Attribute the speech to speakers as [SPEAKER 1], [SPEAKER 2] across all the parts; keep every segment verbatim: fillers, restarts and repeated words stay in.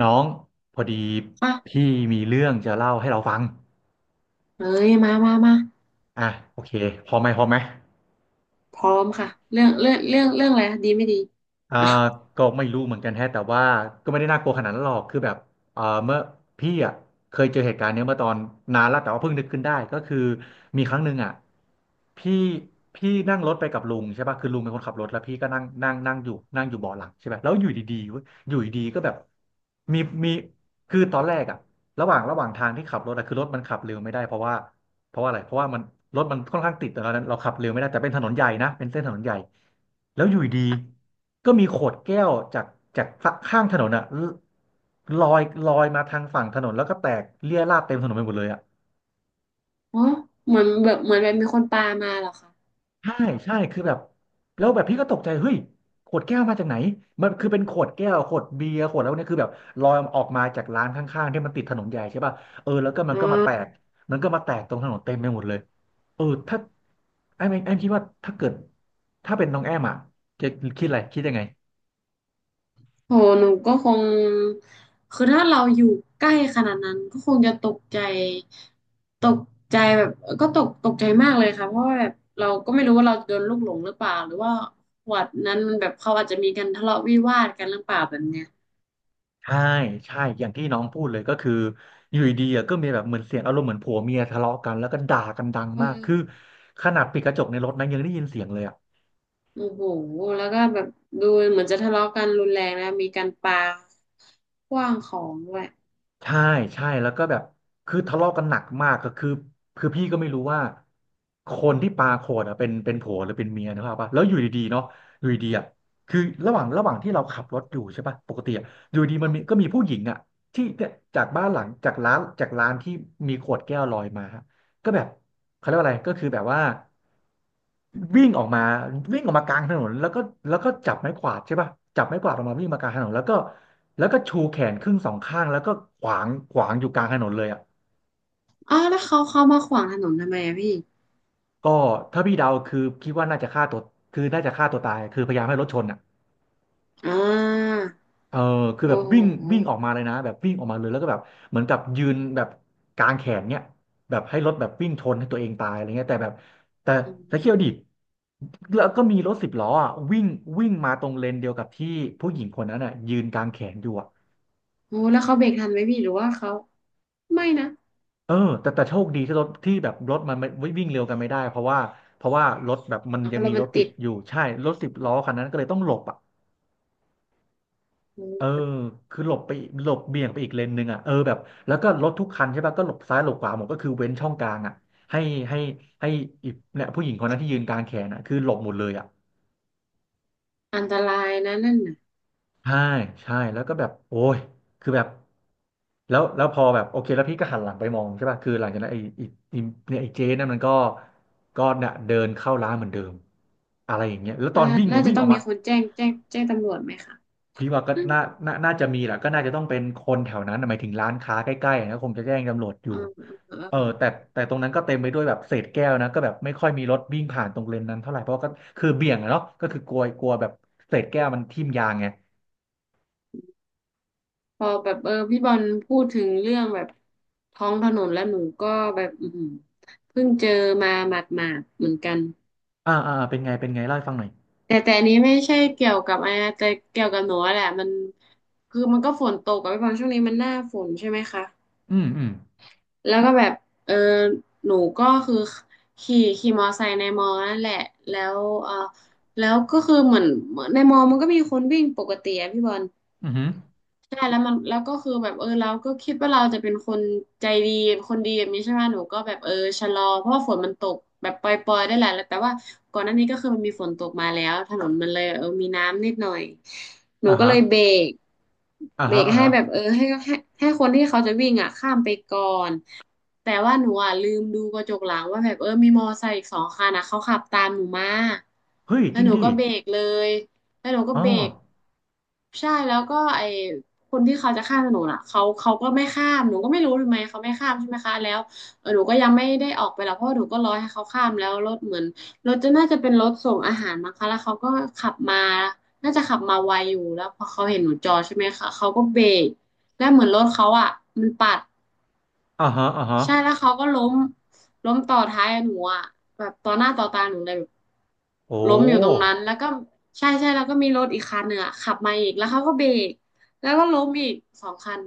[SPEAKER 1] น้องพอดี
[SPEAKER 2] อ่ะ
[SPEAKER 1] พี่มีเรื่องจะเล่าให้เราฟัง
[SPEAKER 2] เอ้ย มามามา
[SPEAKER 1] อ่ะโอเคพร้อมไหมพร้อมไหม
[SPEAKER 2] พร้อมค่ะ เรื่องเรื่องเรื่องเรื่องอะไรคะดี ไม่ดี
[SPEAKER 1] อ่า
[SPEAKER 2] อ่ะ
[SPEAKER 1] ก็ไม่รู้เหมือนกันแฮะแต่ว่าก็ไม่ได้น่ากลัวขนาดนั้นหรอกคือแบบเอ่อเมื่อพี่อ่ะเคยเจอเหตุการณ์เนี้ยเมื่อตอนนานแล้วแต่ว่าเพิ่งนึกขึ้นได้ก็คือมีครั้งหนึ่งอ่ะพี่พี่นั่งรถไปกับลุงใช่ป่ะคือลุงเป็นคนขับรถแล้วพี่ก็นั่งนั่งนั่งอยู่นั่งอยู่เบาะหลังใช่ไหมแล้วอยู่ดีๆเว้ยอยู่ดีๆก็แบบมีมีคือตอนแรกอ่ะระหว่างระหว่างทางที่ขับรถอะคือรถมันขับเร็วไม่ได้เพราะว่า เพราะว่าอะไร เพราะว่ามันรถมันค่อนข้างติดแต่ตอนนั้นเราขับเร็วไม่ได้แต่เป็นถนนใหญ่นะ เป็นเส้นถนนใหญ่ แล้วอยู่ดีๆก็มีขวดแก้วจากจากข้างถนนอะลลอยลอยมาทางฝั่งถนนแล้วก็แตกเรี่ยราดเต็มถนนไปหมดเลยอะ
[SPEAKER 2] โอ้เหมือนแบบเหมือนแบบมีคนปามาเหรอคะ
[SPEAKER 1] ใช่ใช่คือแบบแล้วแบบพี่ก็ตกใจเฮ้ยขวดแก้วมาจากไหนมันคือเป็นขวดแก้วขวดเบียร์ขวดแล้วเนี่ยคือแบบลอยออกมาจากร้านข้างๆที่มันติดถนนใหญ่ใช่ป่ะเออแล้วก็มัน
[SPEAKER 2] อ๋อ
[SPEAKER 1] ก็มาแตกมันก็มาแตกตรงถนนเต็มไปหมดเลยเออถ้าไอ้แม่ไอ้คิดว่าถ้าเกิดถ้าเป็นน้องแอมอ่ะจะคิดอะไรคิดยังไง
[SPEAKER 2] โหหนูก็คงคือถ้าเราอยู่ใกล้ขนาดนั้นก็คงจะตกใจตกใจแบบก็ตกตกใจมากเลยค่ะเพราะว่าแบบเราก็ไม่รู้ว่าเราโดนลูกหลงหรือเปล่าหรือว่าวัดนั้นมันแบบเขาอาจจะมีการทะเลาะวิวาทกันหรือเปล่าแบบเนี้ย
[SPEAKER 1] ใช่ใช่อย่างที่น้องพูดเลยก็คืออยู่ดีๆอะก็มีแบบเหมือนเสียงอารมณ์เหมือนผัวเมียทะเลาะกันแล้วก็ด่ากันดัง
[SPEAKER 2] เอ
[SPEAKER 1] มาก
[SPEAKER 2] อ
[SPEAKER 1] คือขนาดปิดกระจกในรถนะยังได้ยินเสียงเลยอ่ะ
[SPEAKER 2] โอ้โหแล้วก็แบบดูเหมือนจะทะเลาะกันรุนแรงนะมีการปาขว้างของด้วย
[SPEAKER 1] ใช่ใช่แล้วก็แบบคือทะเลาะกันหนักมากก็คือคือพี่ก็ไม่รู้ว่าคนที่ปาขวดอะเป็นเป็นผัวหรือเป็นเมียนะครับปะแล้วอยู่ดีๆเนาะอยู่ดีๆอะคือระหว่างระหว่างที่เราขับรถอยู่ใช่ปะปกติอะอยู่ดีมันมี
[SPEAKER 2] ค่ะ
[SPEAKER 1] ก็มีผู้หญิงอะที่เนี่ยจากบ้านหลังจากร้านจากร้านที่มีขวดแก้วลอยมา ก็แบบเขาเรียกว่าอะไรก็คือแบบว่าวิ่งออกมาวิ่งออกมากลางถนนแล้วก็แล้วก็จับไม้กวาดใช่ป่ะจับไม้กวาดออกมาวิ่งมากลางถนนแล้วก็แล้วก็ชูแขนครึ่งสองข้างแล้วก็ขวางขวางอยู่กลางถนนเลยอ่ะ
[SPEAKER 2] อ๋อแล้วเขาเขามาขวางถนนทำไมอะพี่
[SPEAKER 1] ก็ถ้าพี่เดาคือคิดว่าน่าจะฆ่าตัวคือน่าจะฆ่าตัวตายคือพยายามให้รถชนอ่ะ
[SPEAKER 2] อ่า
[SPEAKER 1] เออคือแบบ
[SPEAKER 2] โอ้โห
[SPEAKER 1] วิ่งวิ่งออกมาเลยนะแบบวิ่งออกมาเลยแล้วก็แบบเหมือนกับยืนแบบกางแขนเนี่ยแบบให้รถแบบวิ่งชนให้ตัวเองตายอะไรเงี้ยแต่แบบแต่
[SPEAKER 2] อื
[SPEAKER 1] แต่เคี่ยว
[SPEAKER 2] ม
[SPEAKER 1] ดิแล้วก็มีรถสิบล้ออ่ะวิ่งวิ่งมาตรงเลนเดียวกับที่ผู้หญิงคนนั้นอ่ะยืนกางแขนอยู่อ่ะ
[SPEAKER 2] โอ้แล้วเขาเบรกทันไหมพี่หรือว่าเขา ไม่นะ
[SPEAKER 1] เออแต่แต่โชคดีที่รถที่แบบรถมันไม่วิ่งเร็วกันไม่ได้เพราะว่าเพราะว่ารถแบบมัน
[SPEAKER 2] อ๋อ
[SPEAKER 1] ยัง
[SPEAKER 2] ร
[SPEAKER 1] มี
[SPEAKER 2] ถ
[SPEAKER 1] ร
[SPEAKER 2] มัน
[SPEAKER 1] ถติ
[SPEAKER 2] ติ
[SPEAKER 1] ด
[SPEAKER 2] ด
[SPEAKER 1] อยู่ใช่รถสิบล้อคันนั้นก็เลยต้องหลบอ่ะ
[SPEAKER 2] อ
[SPEAKER 1] เออ
[SPEAKER 2] ม
[SPEAKER 1] คือหลบไปอีกหลบเบี่ยงไปอีกเลนหนึ่งอ่ะเออแบบแล้วก็รถทุกคันใช่ป่ะก็หลบซ้ายหลบขวาหมดก็คือเว้นช่องกลางอ่ะให้ให้ให้อีกเนี่ยผู้หญิงคนนั้นที่ยืนกลางแขนอ่ะคือหลบหมดเลยอ่ะ
[SPEAKER 2] อันตรายนะนั่นน่ะ
[SPEAKER 1] ใช่ใช่แล้วก็แบบโอ้ยคือแบบแล้วแล้วพอแบบโอเคแล้วพี่ก็หันหลังไปมองใช่ป่ะคือหลังจากนั้นไอ้ไอ้ไอ้เนี่ยไอ้เจ๊นั่นมันก็ก็เนี่ยเดินเข้าร้านเหมือนเดิมอะไรอย่างเงี้ยแล้วตอน
[SPEAKER 2] น่า
[SPEAKER 1] วิ่งอะ
[SPEAKER 2] น่าจะ
[SPEAKER 1] วิ่ง
[SPEAKER 2] ต้
[SPEAKER 1] อ
[SPEAKER 2] อ
[SPEAKER 1] อ
[SPEAKER 2] ง
[SPEAKER 1] ก
[SPEAKER 2] มี
[SPEAKER 1] มา
[SPEAKER 2] คนแจ้งแจ้งแจ้งตำรวจไหมคะ
[SPEAKER 1] พี่ว่าก็
[SPEAKER 2] อืม
[SPEAKER 1] น่าน่าน่าจะมีแหละก็น่าจะต้องเป็นคนแถวนั้นน่ะหมายถึงร้านค้าใกล้ๆนะคงจะแจ้งตำรวจอ
[SPEAKER 2] อ
[SPEAKER 1] ยู่
[SPEAKER 2] ่
[SPEAKER 1] เออแต่
[SPEAKER 2] า
[SPEAKER 1] แต่ตรงนั้นก็เต็มไปด้วยแบบเศษแก้วนะก็แบบไม่ค่อยมีรถวิ่งผ่านตรงเลนนั้นเท่าไหร่เพราะก็คือเบี่ยงอะเนาะก็คือกลัวกลัวแบบเศษแก้วมันทิ่มยางไง
[SPEAKER 2] พอแบบเออพี่บอลพูดถึงเรื่องแบบท้องถนนแล้วหนูก็แบบอืมเพิ่งเจอมาหมาดๆเหมือนกัน
[SPEAKER 1] อ่าอ่าอ่าเป็นไงเป็นไงเล่าให้ฟังหน่อย
[SPEAKER 2] แต่แต่อันนี้ไม่ใช่เกี่ยวกับอะไรนะแต่เกี่ยวกับหนูอะแหละมันคือมันก็ฝนตกกับพี่บอลช่วงนี้มันหน้าฝนใช่ไหมคะ
[SPEAKER 1] อืมอืม
[SPEAKER 2] แล้วก็แบบเออหนูก็คือขี่ขี่มอไซค์ในมอนั่นแหละแล้วเออแล้วก็คือเหมือนเหมือนในมอมันก็มีคนวิ่งปกติอะพี่บอล
[SPEAKER 1] อือหือ
[SPEAKER 2] ใช่แล้วมันแล้วก็คือแบบเออเราก็คิดว่าเราจะเป็นคนใจดีคนดีแบบนี้ใช่ไหมหนูก็แบบเออชะลอเพราะว่าฝนมันตกแบบปล่อยๆได้แหละแต่ว่าก่อนหน้านี้ก็คือมันมีฝนตกมาแล้วถนนมันเลยเออมีน้ำนิดหน่อยหนู
[SPEAKER 1] อ่า
[SPEAKER 2] ก็
[SPEAKER 1] ฮะ
[SPEAKER 2] เลยเบรก
[SPEAKER 1] อ่า
[SPEAKER 2] เบร
[SPEAKER 1] ฮะ
[SPEAKER 2] ก
[SPEAKER 1] อ่า
[SPEAKER 2] ให้
[SPEAKER 1] ฮะ
[SPEAKER 2] แบบเออให้ให้ให้คนที่เขาจะวิ่งอ่ะข้ามไปก่อนแต่ว่าหนูอ่ะลืมดูกระจกหลังว่าแบบเออมีมอไซค์อีกสองคันนะเขาขับตามหนูมา
[SPEAKER 1] เฮ้ยจ
[SPEAKER 2] แล้ว
[SPEAKER 1] ริง
[SPEAKER 2] หนู
[SPEAKER 1] ดิ
[SPEAKER 2] ก็เบรกเลยแล้วหนูก็
[SPEAKER 1] อ๋อ
[SPEAKER 2] เบรกใช่แล้วก็ไอ คนที่เขาจะข้ามถนนอ่ะเขาเขาก็ไม่ข้ามหนูก็ไม่รู้ทำไมเขาไม่ข้ามใช่ไหมคะแล้วเออหนูก็ยังไม่ได้ออกไปหรอกเพราะว่าหนูก็รอให้เขาข้ามแล้วรถเหมือนรถจะน่าจะเป็นรถส่งอาหารมั้งคะแล้วเขาก็ขับมาน่าจะขับมาไวอยู่แล้วพอเขาเห็นหนูจอดใช่ไหมคะเขาก็เบรกแล้วเหมือนรถเขาอ่ะมันปัด
[SPEAKER 1] อ่าฮะอ่าฮะ
[SPEAKER 2] ใช่แล้วเขาก็ล้มล้มต่อท้ายหนูอ่ะแบบต่อหน้าต่อตาหนูเลยแบบ
[SPEAKER 1] โอ้
[SPEAKER 2] ล้มอยู่ตรงนั้นแล้วก็ใช่ใช่แล้วก็มีรถอีกคันหนึ่งอ่ะขับมาอีกแล้วเขาก็เบรกแล้วก็ล้มอีกสองคัน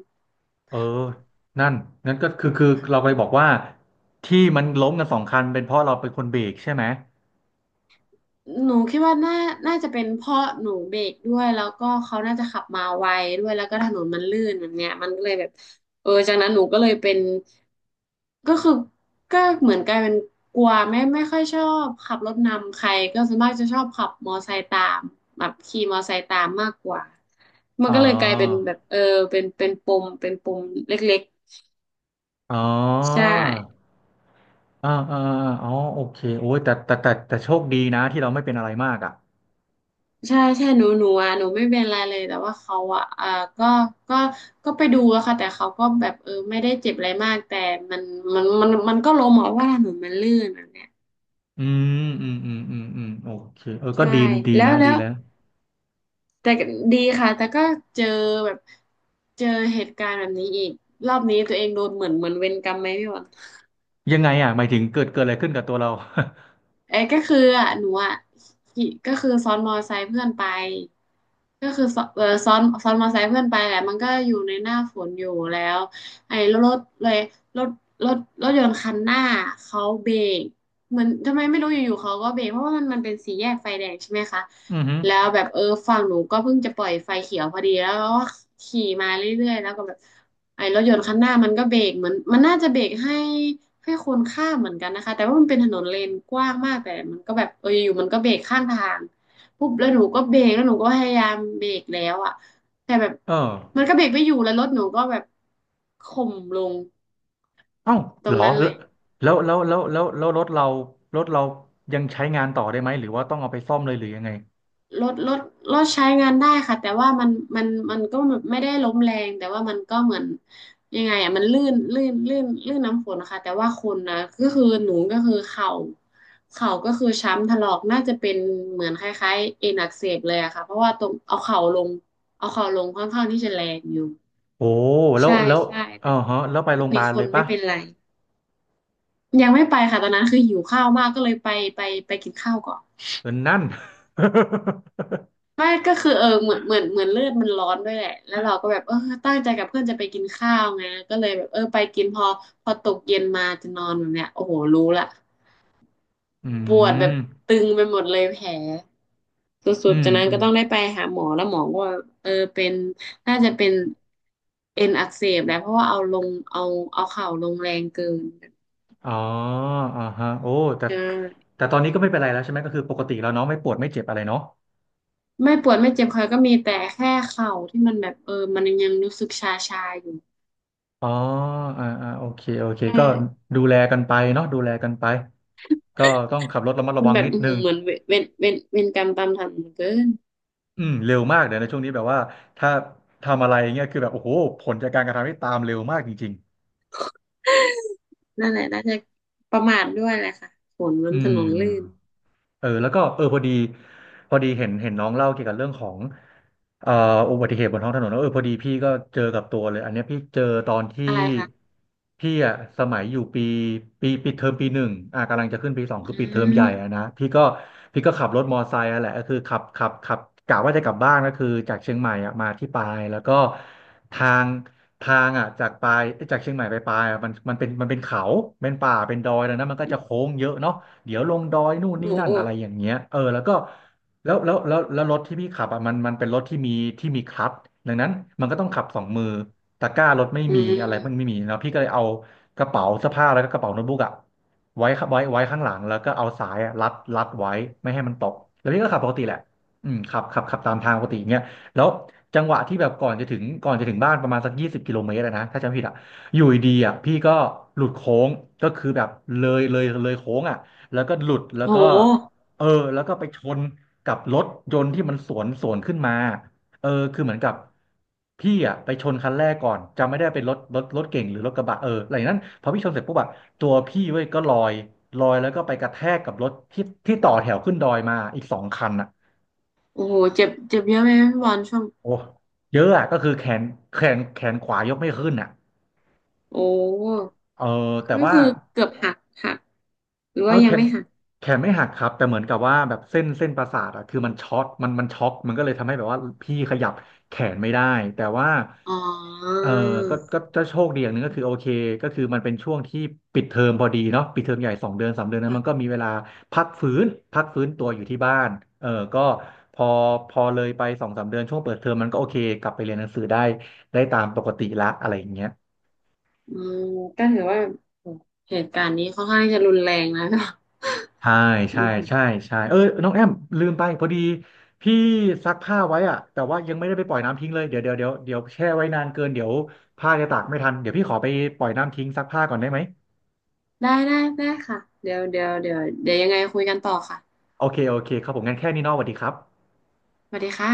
[SPEAKER 1] เออนั่นงั้นก็คือคือเราไปบอกว่าที่มันล้มกันสองคันเป็นเพราะเราเป็นคนเบรกใช่ไหม
[SPEAKER 2] หนูคิดว่าน่าน่าจะเป็นเพราะหนูเบรกด้วยแล้วก็เขาน่าจะขับมาไวด้วย แล้วก็ถนนมันลื่นแบบเนี้ยมันก็เลยแบบเออจากนั้นหนูก็เลยเป็นก็คือก็เหมือนกลายเป็นกลัวไม่ไม่ค่อยชอบขับรถนำใครก็ส่วนมากจะชอบขับมอไซค์ตามแบบขี่มอไซค์ตามมากกว่ามัน
[SPEAKER 1] อ๋
[SPEAKER 2] ก็เลยกลายเป็น
[SPEAKER 1] อ
[SPEAKER 2] แบบเออเป็นเป็นปมเป็นปมเล็ก
[SPEAKER 1] อ๋
[SPEAKER 2] ๆ
[SPEAKER 1] อ
[SPEAKER 2] ใช่
[SPEAKER 1] อ่าอ่าอ่าอ๋อโอเคโอ้ยแต่แต่แต่แต่โชคดีนะที่เราไม่เป็นอะไรมากอ่ะ
[SPEAKER 2] ใช่ใช่หนูหนูอ่ะหนูไม่เป็นไรเลยแต่ว่าเขาอ่ะอ่าก็ก็ก็ไปดูอะค่ะแต่เขาก็แบบเออไม่ได้เจ็บอะไรมากแต่มันมันมันมันก็ล้มอะว่าถนนมันลื่นอะเนี่ย
[SPEAKER 1] อืมอืมอืมอืมอืมโอเคเออก็
[SPEAKER 2] ใช่
[SPEAKER 1] ดีดี
[SPEAKER 2] แล้
[SPEAKER 1] นะ
[SPEAKER 2] วแล้
[SPEAKER 1] ดี
[SPEAKER 2] ว
[SPEAKER 1] แล้ว
[SPEAKER 2] แต่ดีค่ะแต่ก็เจอแบบเจอเหตุการณ์แบบนี้อีกรอบนี้ตัวเองโดนเหมือนเหมือนเวรกรรมไหมพี่หวน
[SPEAKER 1] ยังไงอ่ะหมายถึงเกิดเกิดอะไรขึ้นกับตัวเรา
[SPEAKER 2] เอ้ยก็คืออ่ะหนูอ่ะขี่ก็คือซ้อนมอไซค์เพื่อนไปก็คือซ้อนเออซ้อนซ้อนมอไซค์เพื่อนไปแหละมันก็อยู่ในหน้าฝนอยู่แล้วไอ้รถเลยรถรถรถยนต์คันหน้าเขาเบรกเหมือนทำไมไม่รู้อยู่ๆเขาก็เบรกเพราะว่ามันมันเป็นสี่แยกไฟแดงใช่ไหมคะ
[SPEAKER 1] อือฮึ
[SPEAKER 2] แล้วแบบเออฝั่งหนูก็เพิ่งจะปล่อยไฟเขียวพอดีแล้วก็ขี่มาเรื่อยๆแล้วก็แบบไอ้รถยนต์คันหน้ามันก็เบรกเหมือนมันน่าจะเบรกให้ แค่คนข้ามเหมือนกันนะคะแต่ว่ามันเป็นถนนเลนกว้างมากแต่มันก็แบบเอออยู่ๆมันก็เบรกข้างทางปุ๊บแล้วหนูก็เบรกแล้วหนูก็พยายามเบรกแล้วอ่ะแต่แบบ
[SPEAKER 1] เออ
[SPEAKER 2] มันก็เบรกไม่อยู่แล้วรถหนูก็แบบข่มลง
[SPEAKER 1] เอ้า
[SPEAKER 2] ต
[SPEAKER 1] เห
[SPEAKER 2] ร
[SPEAKER 1] ร
[SPEAKER 2] ง
[SPEAKER 1] อ
[SPEAKER 2] นั้นเล
[SPEAKER 1] แล้
[SPEAKER 2] ย
[SPEAKER 1] วแล้วแล้วแล้วแล้วรถเรารถเรายังใช้งานต่อได้ไหมหรือว่าต้องเอาไปซ่อมเลยหรือยังไง
[SPEAKER 2] รถรถรถใช้งานได้ค่ะแต่ว่ามันมันมันก็ไม่ได้ล้มแรงแต่ว่ามันก็เหมือนยังไงอ่ะมันลื่นลื่นลื่นลื่นน้ำฝนนะคะแต่ว่าคนนะก็คือหนูก็คือเข่าเข่าก็คือช้ำถลอกน่าจะเป็นเหมือนคล้ายๆเอ็นอักเสบเลยอะค่ะเพราะว่าตรงเอาเข่าลงเอาเข่าลงค่อนข้างที่จะแรงอยู่
[SPEAKER 1] โอ้แล้ว
[SPEAKER 2] ใช่
[SPEAKER 1] แล้ว
[SPEAKER 2] ใช่
[SPEAKER 1] เออ
[SPEAKER 2] แต่
[SPEAKER 1] ฮะแล้วไปโรงพยา
[SPEAKER 2] มี
[SPEAKER 1] บาล
[SPEAKER 2] ค
[SPEAKER 1] เล
[SPEAKER 2] น
[SPEAKER 1] ย
[SPEAKER 2] ไม่
[SPEAKER 1] ปะ
[SPEAKER 2] เป็นไรยังไม่ไปค่ะตอนนั้นคือหิวข้าวมากก็เลยไปไปไปกินข้าวก่อน
[SPEAKER 1] เออนั่น
[SPEAKER 2] ไม่ก็คือเออเหมือนเหมือนเหมือนเลือดมันร้อนด้วยแหละแล้วเราก็แบบเออตั้งใจกับเพื่อนจะไปกินข้าวไงก็เลยแบบเออไปกินพอพอตกเย็นมาจะนอนแบบเนี้ยโอ้โหรู้ละ
[SPEAKER 1] อื
[SPEAKER 2] ปวดแบ
[SPEAKER 1] ม
[SPEAKER 2] บตึงไปหมดเลยแผลสุ
[SPEAKER 1] อื
[SPEAKER 2] ดๆ
[SPEAKER 1] ม
[SPEAKER 2] จากนั้น
[SPEAKER 1] อื
[SPEAKER 2] ก็
[SPEAKER 1] ม
[SPEAKER 2] ต้องได้ไปหาหมอแล้วหมอก็ว่าเออเป็นน่าจะเป็นเอ็นอักเสบแหละเพราะว่าเอาลงเอาเอาเข่าลงแรงเกิน
[SPEAKER 1] อ๋ออ่าฮะโอ้แต่
[SPEAKER 2] ใช่
[SPEAKER 1] แต่ตอนนี้ก็ไม่เป็นไรแล้วใช่ไหม ก็คือปกติแล้วเนาะไม่ปวดไม่เจ็บอะไรเนาะ
[SPEAKER 2] ไม่ปวดไม่เจ็บคอก็มีแต่แค่เข่าที่มันแบบเออมันยังรู้สึกชาๆอยู่
[SPEAKER 1] อ๋ออ่าอ่าโอเคโอเค
[SPEAKER 2] ใช่
[SPEAKER 1] ก็ดูแลกันไปเนาะดูแลกันไปก็ต้องขับรถระมัดระ
[SPEAKER 2] มัน
[SPEAKER 1] วัง
[SPEAKER 2] แบบ
[SPEAKER 1] นิด
[SPEAKER 2] อื้อ
[SPEAKER 1] นึ
[SPEAKER 2] หื
[SPEAKER 1] ง
[SPEAKER 2] อเหมือนเวเวนเวนเวนกรรมตามทันเหลือเกิน
[SPEAKER 1] อืมเร็วมากเดี๋ยวในช่วงนี้แบบว่าถ้าทำอะไรเงี้ยคือแบบโอ้โหผลจากการกระทำที่ตามเร็วมากจริง
[SPEAKER 2] นั่นแหละน่าจะประมาทด้วยแหละค่ะฝน
[SPEAKER 1] ๆ
[SPEAKER 2] มั
[SPEAKER 1] อื
[SPEAKER 2] นถ
[SPEAKER 1] ม
[SPEAKER 2] นนลื่น
[SPEAKER 1] เออแล้วก็เออพอดีพอดีเห็นเห็นน้องเล่าเกี่ยวกับเรื่องของเอ่ออุบัติเหตุบนท้องถนนแล้วเออพอดีพี่ก็เจอกับตัวเลยอันเนี้ยพี่เจอตอนที่
[SPEAKER 2] อะไรคะ
[SPEAKER 1] พี่อ่ะสมัยอยู่ปีปีปีเทอมปีหนึ่งอ่ะกำลังจะขึ้นปีสอง
[SPEAKER 2] อื
[SPEAKER 1] คือปีเทอมให
[SPEAKER 2] ม
[SPEAKER 1] ญ่อ่ะนะพี่ก็พี่ก็ขับรถมอไซค์อ่ะแหละก็คือขับขับขับกะว่าจะกลับบ้านก็คือจากเชียงใหม่อ่ะมาที่ปายแล้วก็ทางทางอ่ะจากปายจากเชียงใหม่ไปปายอ่ะมันมันเป็นมันเป็นเขาเป็นป่าเป็นดอยแล้วนะมันก็จะโค้งเยอะเนาะ เดี๋ยวลงดอยนู่น
[SPEAKER 2] โอ้
[SPEAKER 1] นี่นั่
[SPEAKER 2] โห
[SPEAKER 1] นอะไรอย่างเงี้ยเออแล้วก็แล้วแล้วแล้วแล้วรถที่พี่ขับอ่ะมันมันเป็นรถที่มีที่มีคลัตช์ดังนั้นมันก็ต้องขับสองมือตะกร้ารถไม่
[SPEAKER 2] อื
[SPEAKER 1] มีอะไรมันไม่
[SPEAKER 2] ม
[SPEAKER 1] มีเนาะพี่ก็เลยเอากระเป๋าเสื้อผ้าแล้วก็กระเป๋าโน้ตบุ๊กอ่ะไว้ไว้ไว้ข้างหลังแล้วก็เอาสายอะรัดรัดไว้ไม่ให้มันตกแล้วพี่ก็ขับปกติแหละอืมขับขับขับตามทางปกติอย่างเงี้ยแล้วจังหวะที่แบบก่อนจะถึงก่อนจะถึงบ้านประมาณสักยี่สิบกิโลเมตรอะนะถ้าจำไม่ผิดอ่ะอยู่ดีๆอ่ะพี่ก็หลุดโค้งก็คือแบบเลยเลยเลยโค้งอ่ะ แล้วก็หลุดแล้ว
[SPEAKER 2] โ
[SPEAKER 1] ก็
[SPEAKER 2] ห
[SPEAKER 1] เออแล้วก็ไปชนกับรถยนต์ที่มันสวนสวนขึ้นมาเออคือเหมือนกับพี่อ่ะไปชนคันแรกก่อนจำไม่ได้เป็นรถรถรถเก่งหรือรถกระบะเอออะไรอย่างนั้นพอพี่ชนเสร็จปุ๊บอะตัวพี่เว้ยก็ลอยลอยแล้วก็ไปกระแทกกับรถที่ที่ต่อแถวขึ้นดอยมาอีกสองคันอ่ะ
[SPEAKER 2] โอ้โหเจ็บเจ็บเยอะไหมพี่บอลช่วง
[SPEAKER 1] โอ้เยอะอะก็คือแขนแขนแขนขวายกไม่ขึ้นอ่ะ
[SPEAKER 2] โอ้
[SPEAKER 1] เออแต่
[SPEAKER 2] ก็
[SPEAKER 1] ว่า
[SPEAKER 2] คือเกือบหักหักหรือ
[SPEAKER 1] เอา
[SPEAKER 2] ว่ายั
[SPEAKER 1] แข
[SPEAKER 2] ง
[SPEAKER 1] น
[SPEAKER 2] ไม่หัก
[SPEAKER 1] แขนไม่หักครับแต่เหมือนกับว่าแบบเส้นเส้นประสาทอะคือมันช็อตมันมันช็อกมันก็เลยทำให้แบบว่าพี่ขยับแขนไม่ได้แต่ว่า
[SPEAKER 2] อ๋อ
[SPEAKER 1] เออก็ก็ก็โชคดีอย่างหนึ่งก็คือโอเคก็คือมันเป็นช่วงที่ปิดเทอมพอดีเนาะปิดเทอมใหญ่สองเดือนสามเดือนนั้น
[SPEAKER 2] ค่ะ
[SPEAKER 1] มันก็มีเวลาพักฟื้นพักฟื้นตัวอยู่ที่บ้านเออก็พอพอเลยไปสองสามเดือนช่วงเปิดเทอมมันก็โอเคกลับไปเรียนหนังสือได้ได้ตามปกติละอะไรอย่างเงี้ย
[SPEAKER 2] อืมก็ถือว่าโอ้เหตุการณ์นี้ค่อนข้างจะรุนแรงนะก็
[SPEAKER 1] ใช่
[SPEAKER 2] อื
[SPEAKER 1] ใช่
[SPEAKER 2] ม
[SPEAKER 1] ใช่ใช่เออน้องแอมลืมไปพอดีพี่ซักผ้าไว้อะแต่ว่ายังไม่ได้ไปปล่อยน้ำทิ้งเลยเดี๋ยวเดี๋ยวเดี๋ยวเดี๋ยวแช่ไว้นานเกินเดี๋ยวผ้าจะตากไม่ทันเดี๋ยวพี่ขอไปปล่อยน้ำทิ้งซักผ้าก่อนได้ไหม
[SPEAKER 2] ได้ได้ได้ค่ะเดี๋ยวเดี๋ยวเดี๋ยวเดี๋ยวยังไงคุยกันต่อค่ะ
[SPEAKER 1] โอเคโอเคครับผมงั้นแค่นี้เนอะสวัสดีครับ
[SPEAKER 2] สวัสดีค่ะ